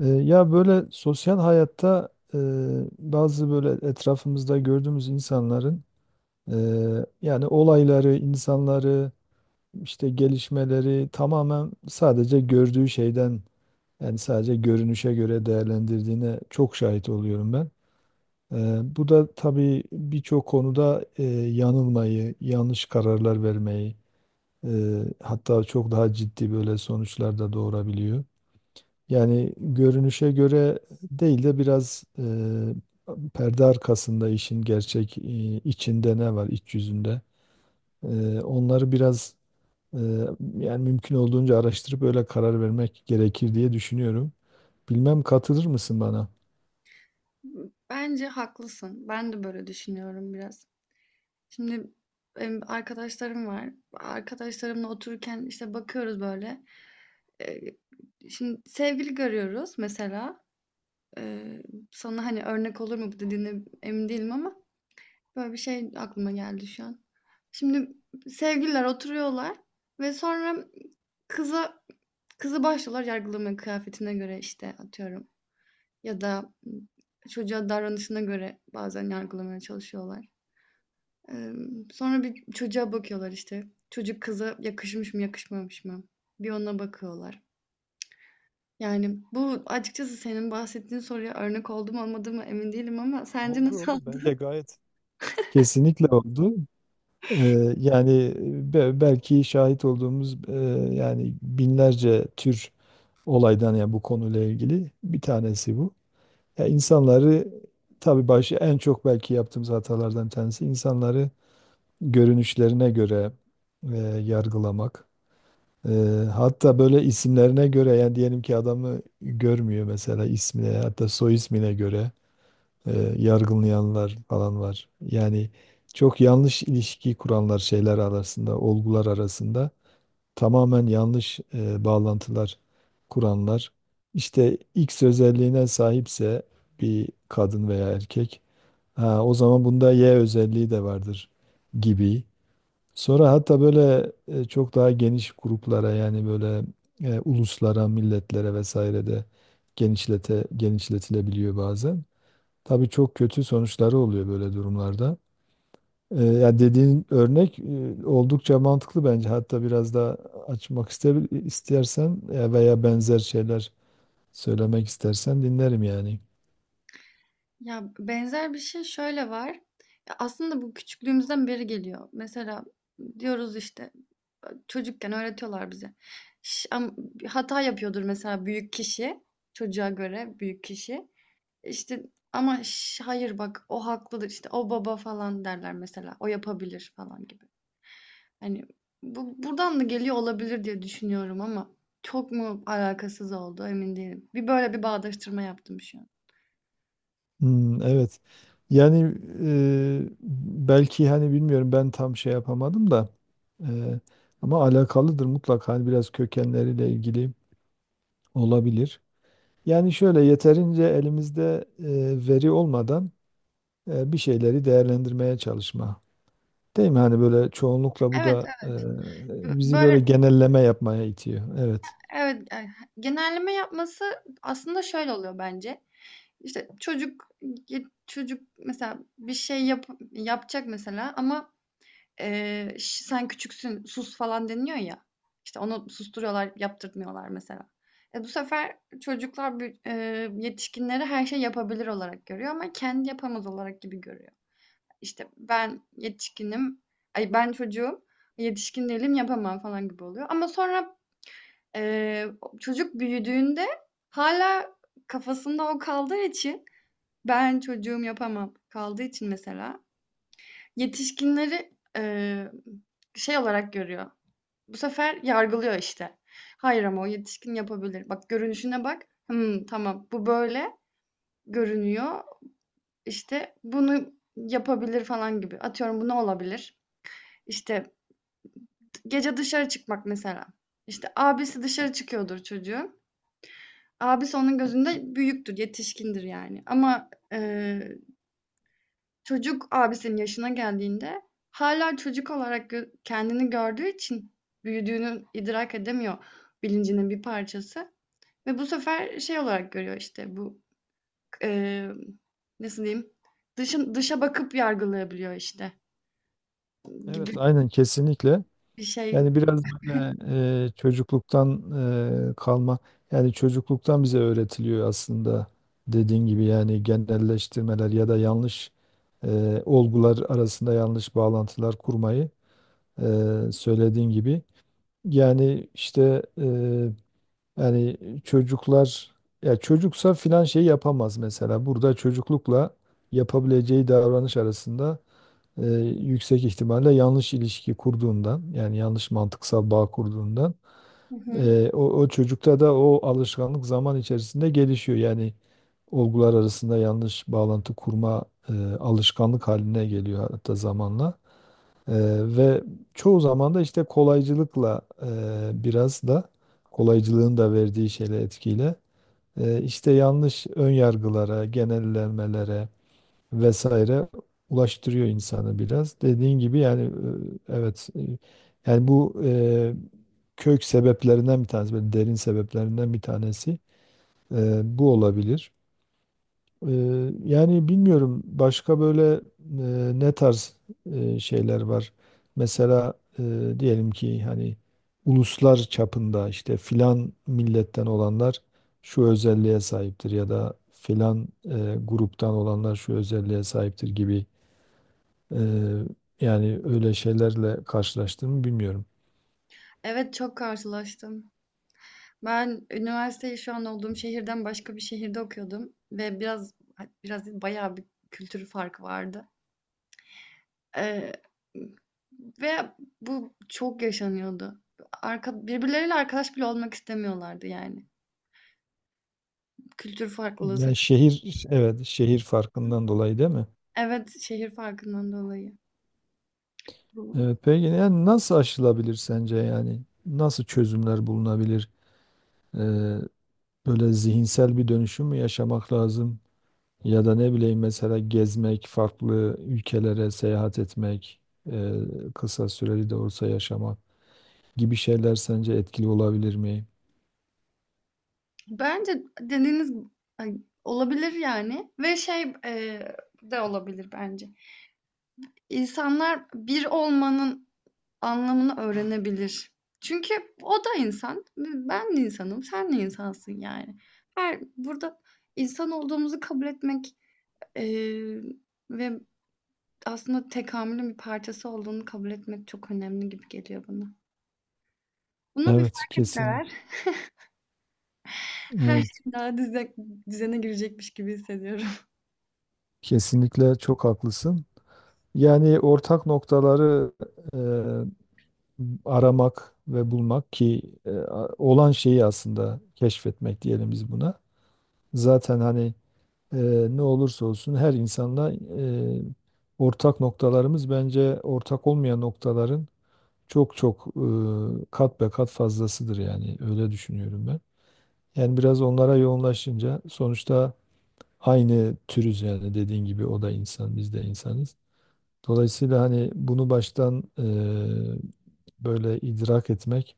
Ya böyle sosyal hayatta bazı böyle etrafımızda gördüğümüz insanların e, yani olayları, insanları, işte gelişmeleri tamamen sadece gördüğü şeyden yani sadece görünüşe göre değerlendirdiğine çok şahit oluyorum ben. Bu da tabii birçok konuda yanılmayı, yanlış kararlar vermeyi e, hatta çok daha ciddi böyle sonuçlar da doğurabiliyor. Yani görünüşe göre değil de biraz perde arkasında işin gerçek içinde ne var iç yüzünde. Onları biraz e, yani mümkün olduğunca araştırıp öyle karar vermek gerekir diye düşünüyorum. Bilmem katılır mısın bana? Bence haklısın. Ben de böyle düşünüyorum biraz. Şimdi benim arkadaşlarım var. Arkadaşlarımla otururken işte bakıyoruz böyle. Ee, Şimdi sevgili görüyoruz mesela. Ee, Sana hani örnek olur mu bu dediğine emin değilim ama böyle bir şey aklıma geldi şu an. Şimdi sevgililer oturuyorlar ve sonra kıza kızı başlıyorlar yargılamaya kıyafetine göre işte atıyorum. Ya da, çocuğa davranışına göre bazen yargılamaya çalışıyorlar. Sonra bir çocuğa bakıyorlar işte. Çocuk kıza yakışmış mı, yakışmamış mı? Bir ona bakıyorlar. Yani bu açıkçası senin bahsettiğin soruya örnek oldu mu olmadı mı emin değilim ama sence Oldu nasıl oldu. Bence oldu? gayet. Kesinlikle oldu. E, Yani belki şahit olduğumuz yani binlerce tür olaydan ya bu konuyla ilgili bir tanesi bu. Ya insanları tabii başı en çok belki yaptığımız hatalardan tanesi insanları görünüşlerine göre yargılamak. E, Hatta böyle isimlerine göre yani diyelim ki adamı görmüyor mesela ismine hatta soy ismine göre e, yargılayanlar falan var. Yani çok yanlış ilişki kuranlar şeyler arasında, olgular arasında tamamen yanlış bağlantılar kuranlar işte X özelliğine sahipse bir kadın veya erkek ha, o zaman bunda Y özelliği de vardır gibi. Sonra hatta böyle çok daha geniş gruplara yani böyle uluslara, milletlere vesaire de genişletilebiliyor bazen. Tabii çok kötü sonuçları oluyor böyle durumlarda. Ya dediğin örnek oldukça mantıklı bence. Hatta biraz daha açmak istersen veya benzer şeyler söylemek istersen dinlerim yani. Ya, benzer bir şey şöyle var. Ya, aslında bu küçüklüğümüzden beri geliyor. Mesela diyoruz işte, çocukken öğretiyorlar bize. Ş am Hata yapıyordur mesela büyük kişi, çocuğa göre büyük kişi. İşte ama "Şş, hayır bak o haklıdır.", işte, "O baba." falan derler mesela. "O yapabilir." falan gibi. Hani bu buradan da geliyor olabilir diye düşünüyorum ama çok mu alakasız oldu emin değilim. Bir böyle bir bağdaştırma yaptım şu an. Hmm, evet. Yani e, belki hani bilmiyorum ben tam şey yapamadım da e, ama alakalıdır mutlak hani biraz kökenleriyle ilgili olabilir. Yani şöyle yeterince elimizde veri olmadan bir şeyleri değerlendirmeye çalışma. Değil mi? Hani böyle çoğunlukla bu Evet, da evet. bizi böyle Böyle genelleme yapmaya itiyor. Evet. evet, genelleme yapması aslında şöyle oluyor bence. İşte çocuk mesela bir şey yapacak mesela ama ş "Sen küçüksün, sus." falan deniliyor ya. İşte, onu susturuyorlar, yaptırtmıyorlar mesela. Bu sefer çocuklar büyü yetişkinleri her şey yapabilir olarak görüyor ama kendi yapamaz olarak gibi görüyor. İşte, ben yetişkinim, ay, ben çocuğum, yetişkin değilim, yapamam falan gibi oluyor ama sonra, eee, çocuk büyüdüğünde hala kafasında o kaldığı için ben çocuğum, yapamam kaldığı için mesela yetişkinleri, şey olarak görüyor. Bu sefer yargılıyor işte. Hayır ama o yetişkin yapabilir. Bak görünüşüne bak. Hımm, tamam bu böyle görünüyor. İşte bunu yapabilir falan gibi. Atıyorum bu ne olabilir? İşte gece dışarı çıkmak mesela. İşte abisi dışarı çıkıyordur çocuğun. Abisi onun gözünde büyüktür, yetişkindir yani ama, çocuk abisinin yaşına geldiğinde hala çocuk olarak kendini gördüğü için büyüdüğünü idrak edemiyor, bilincinin bir parçası ve bu sefer şey olarak görüyor, işte, emm, nasıl diyeyim, dışa bakıp yargılayabiliyor, işte, gibi Evet, aynen kesinlikle. bir şey. Yani biraz böyle çocukluktan kalma, yani çocukluktan bize öğretiliyor aslında dediğin gibi yani genelleştirmeler ya da yanlış olgular arasında yanlış bağlantılar kurmayı söylediğin gibi. Yani işte. Yani çocuklar ya çocuksa filan şey yapamaz mesela. Burada çocuklukla yapabileceği davranış arasında e, yüksek ihtimalle yanlış ilişki kurduğundan yani yanlış mantıksal bağ kurduğundan Hı hı. O çocukta da o alışkanlık zaman içerisinde gelişiyor. Yani olgular arasında yanlış bağlantı kurma alışkanlık haline geliyor hatta zamanla. Eee, Ve çoğu zaman da işte kolaycılıkla biraz da kolaycılığın da verdiği etkiyle işte yanlış ön yargılara, genellemelere vesaire ulaştırıyor insanı biraz. Dediğin gibi yani evet yani bu kök sebeplerinden bir tanesi, böyle derin sebeplerinden bir tanesi bu olabilir. Yani bilmiyorum başka böyle ne tarz şeyler var. Mesela diyelim ki hani uluslar çapında işte filan milletten olanlar şu özelliğe sahiptir ya da filan gruptan olanlar şu özelliğe sahiptir gibi eee, yani öyle şeylerle karşılaştım bilmiyorum. Evet, çok karşılaştım. Ben üniversiteyi şu an olduğum şehirden başka bir şehirde okuyordum ve biraz değil, bayağı bir kültür farkı vardı. Eee, Ve bu çok yaşanıyordu. Birbirleriyle arkadaş bile olmak istemiyorlardı yani. Kültür farklılığı Yani sebebi. şehir evet şehir farkından dolayı değil mi? Evet, şehir farkından dolayı. Bu- Evet, peki yani nasıl aşılabilir sence yani? Nasıl çözümler bulunabilir? Ee, Böyle zihinsel bir dönüşüm mü yaşamak lazım? Ya da ne bileyim mesela gezmek, farklı ülkelere seyahat etmek, e, kısa süreli de olsa yaşamak gibi şeyler sence etkili olabilir mi? Bence dediğiniz, ay, olabilir yani ve şey, de olabilir bence. İnsanlar bir olmanın anlamını öğrenebilir. Çünkü o da insan, ben de insanım, sen de insansın yani. Her burada insan olduğumuzu kabul etmek, Emm, ve aslında tekamülün bir parçası olduğunu kabul etmek çok önemli gibi geliyor bana. Bunu bir Evet, fark kesin. etseler her Evet, şey daha düzene girecekmiş gibi hissediyorum. kesinlikle çok haklısın. Yani ortak noktaları e, aramak ve bulmak ki olan şeyi aslında keşfetmek diyelim biz buna. Zaten hani e, ne olursa olsun her insanla ortak noktalarımız bence ortak olmayan noktaların çok çok kat be kat fazlasıdır yani öyle düşünüyorum ben. Yani biraz onlara yoğunlaşınca sonuçta aynı türüz yani dediğin gibi o da insan biz de insanız. Dolayısıyla hani bunu baştan böyle idrak etmek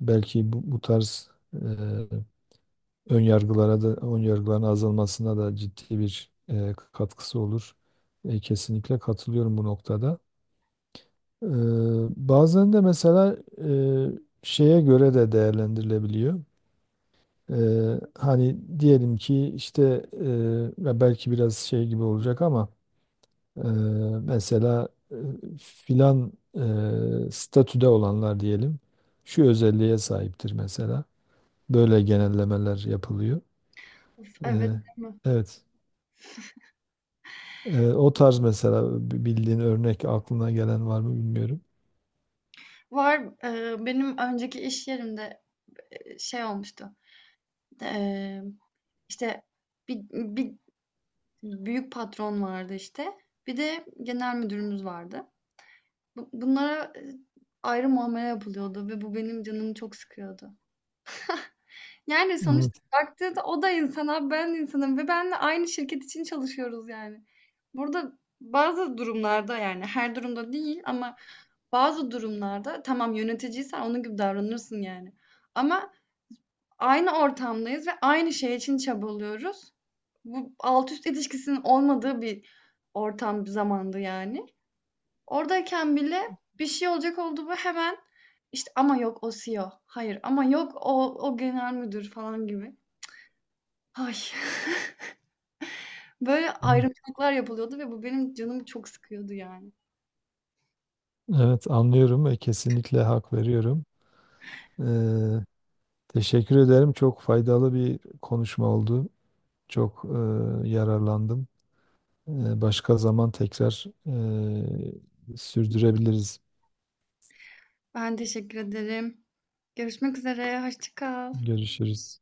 belki bu tarz ön yargılara da ön yargıların azalmasına da ciddi bir katkısı olur. Kesinlikle katılıyorum bu noktada. E, Bazen de mesela şeye göre de değerlendirilebiliyor. E, Hani diyelim ki işte e, ya belki biraz şey gibi olacak ama e, mesela filan statüde olanlar diyelim şu özelliğe sahiptir mesela. Böyle genellemeler yapılıyor. Of, E, evet, değil mi? evet. O tarz mesela bildiğin örnek aklına gelen var mı bilmiyorum. Var, benim önceki iş yerimde, şey olmuştu. Eee, işte, bir büyük patron vardı, işte, bir de genel müdürümüz vardı. Bunlara, ayrı muamele yapılıyordu ve bu benim canımı çok sıkıyordu. Yani, sonuçta Evet, baktığında o da insan ben insanım ve benle aynı şirket için çalışıyoruz yani. Burada bazı durumlarda, yani her durumda değil ama bazı durumlarda tamam yöneticiysen onun gibi davranırsın yani. Ama aynı ortamdayız ve aynı şey için çabalıyoruz. Bu alt üst ilişkisinin olmadığı bir ortam, bir zamandı yani. Oradayken bile bir şey olacak oldu mu hemen, işte, "Ama yok o CEO, hayır ama yok o genel müdür." falan gibi. Ay, böyle evet, ayrımcılıklar yapılıyordu ve bu benim canımı çok sıkıyordu yani. evet, anlıyorum ve kesinlikle hak veriyorum. Ee, Teşekkür ederim. Çok faydalı bir konuşma oldu. Çok yararlandım. Başka zaman tekrar sürdürebiliriz. Ben teşekkür ederim. Görüşmek üzere, hoşça kal. Görüşürüz.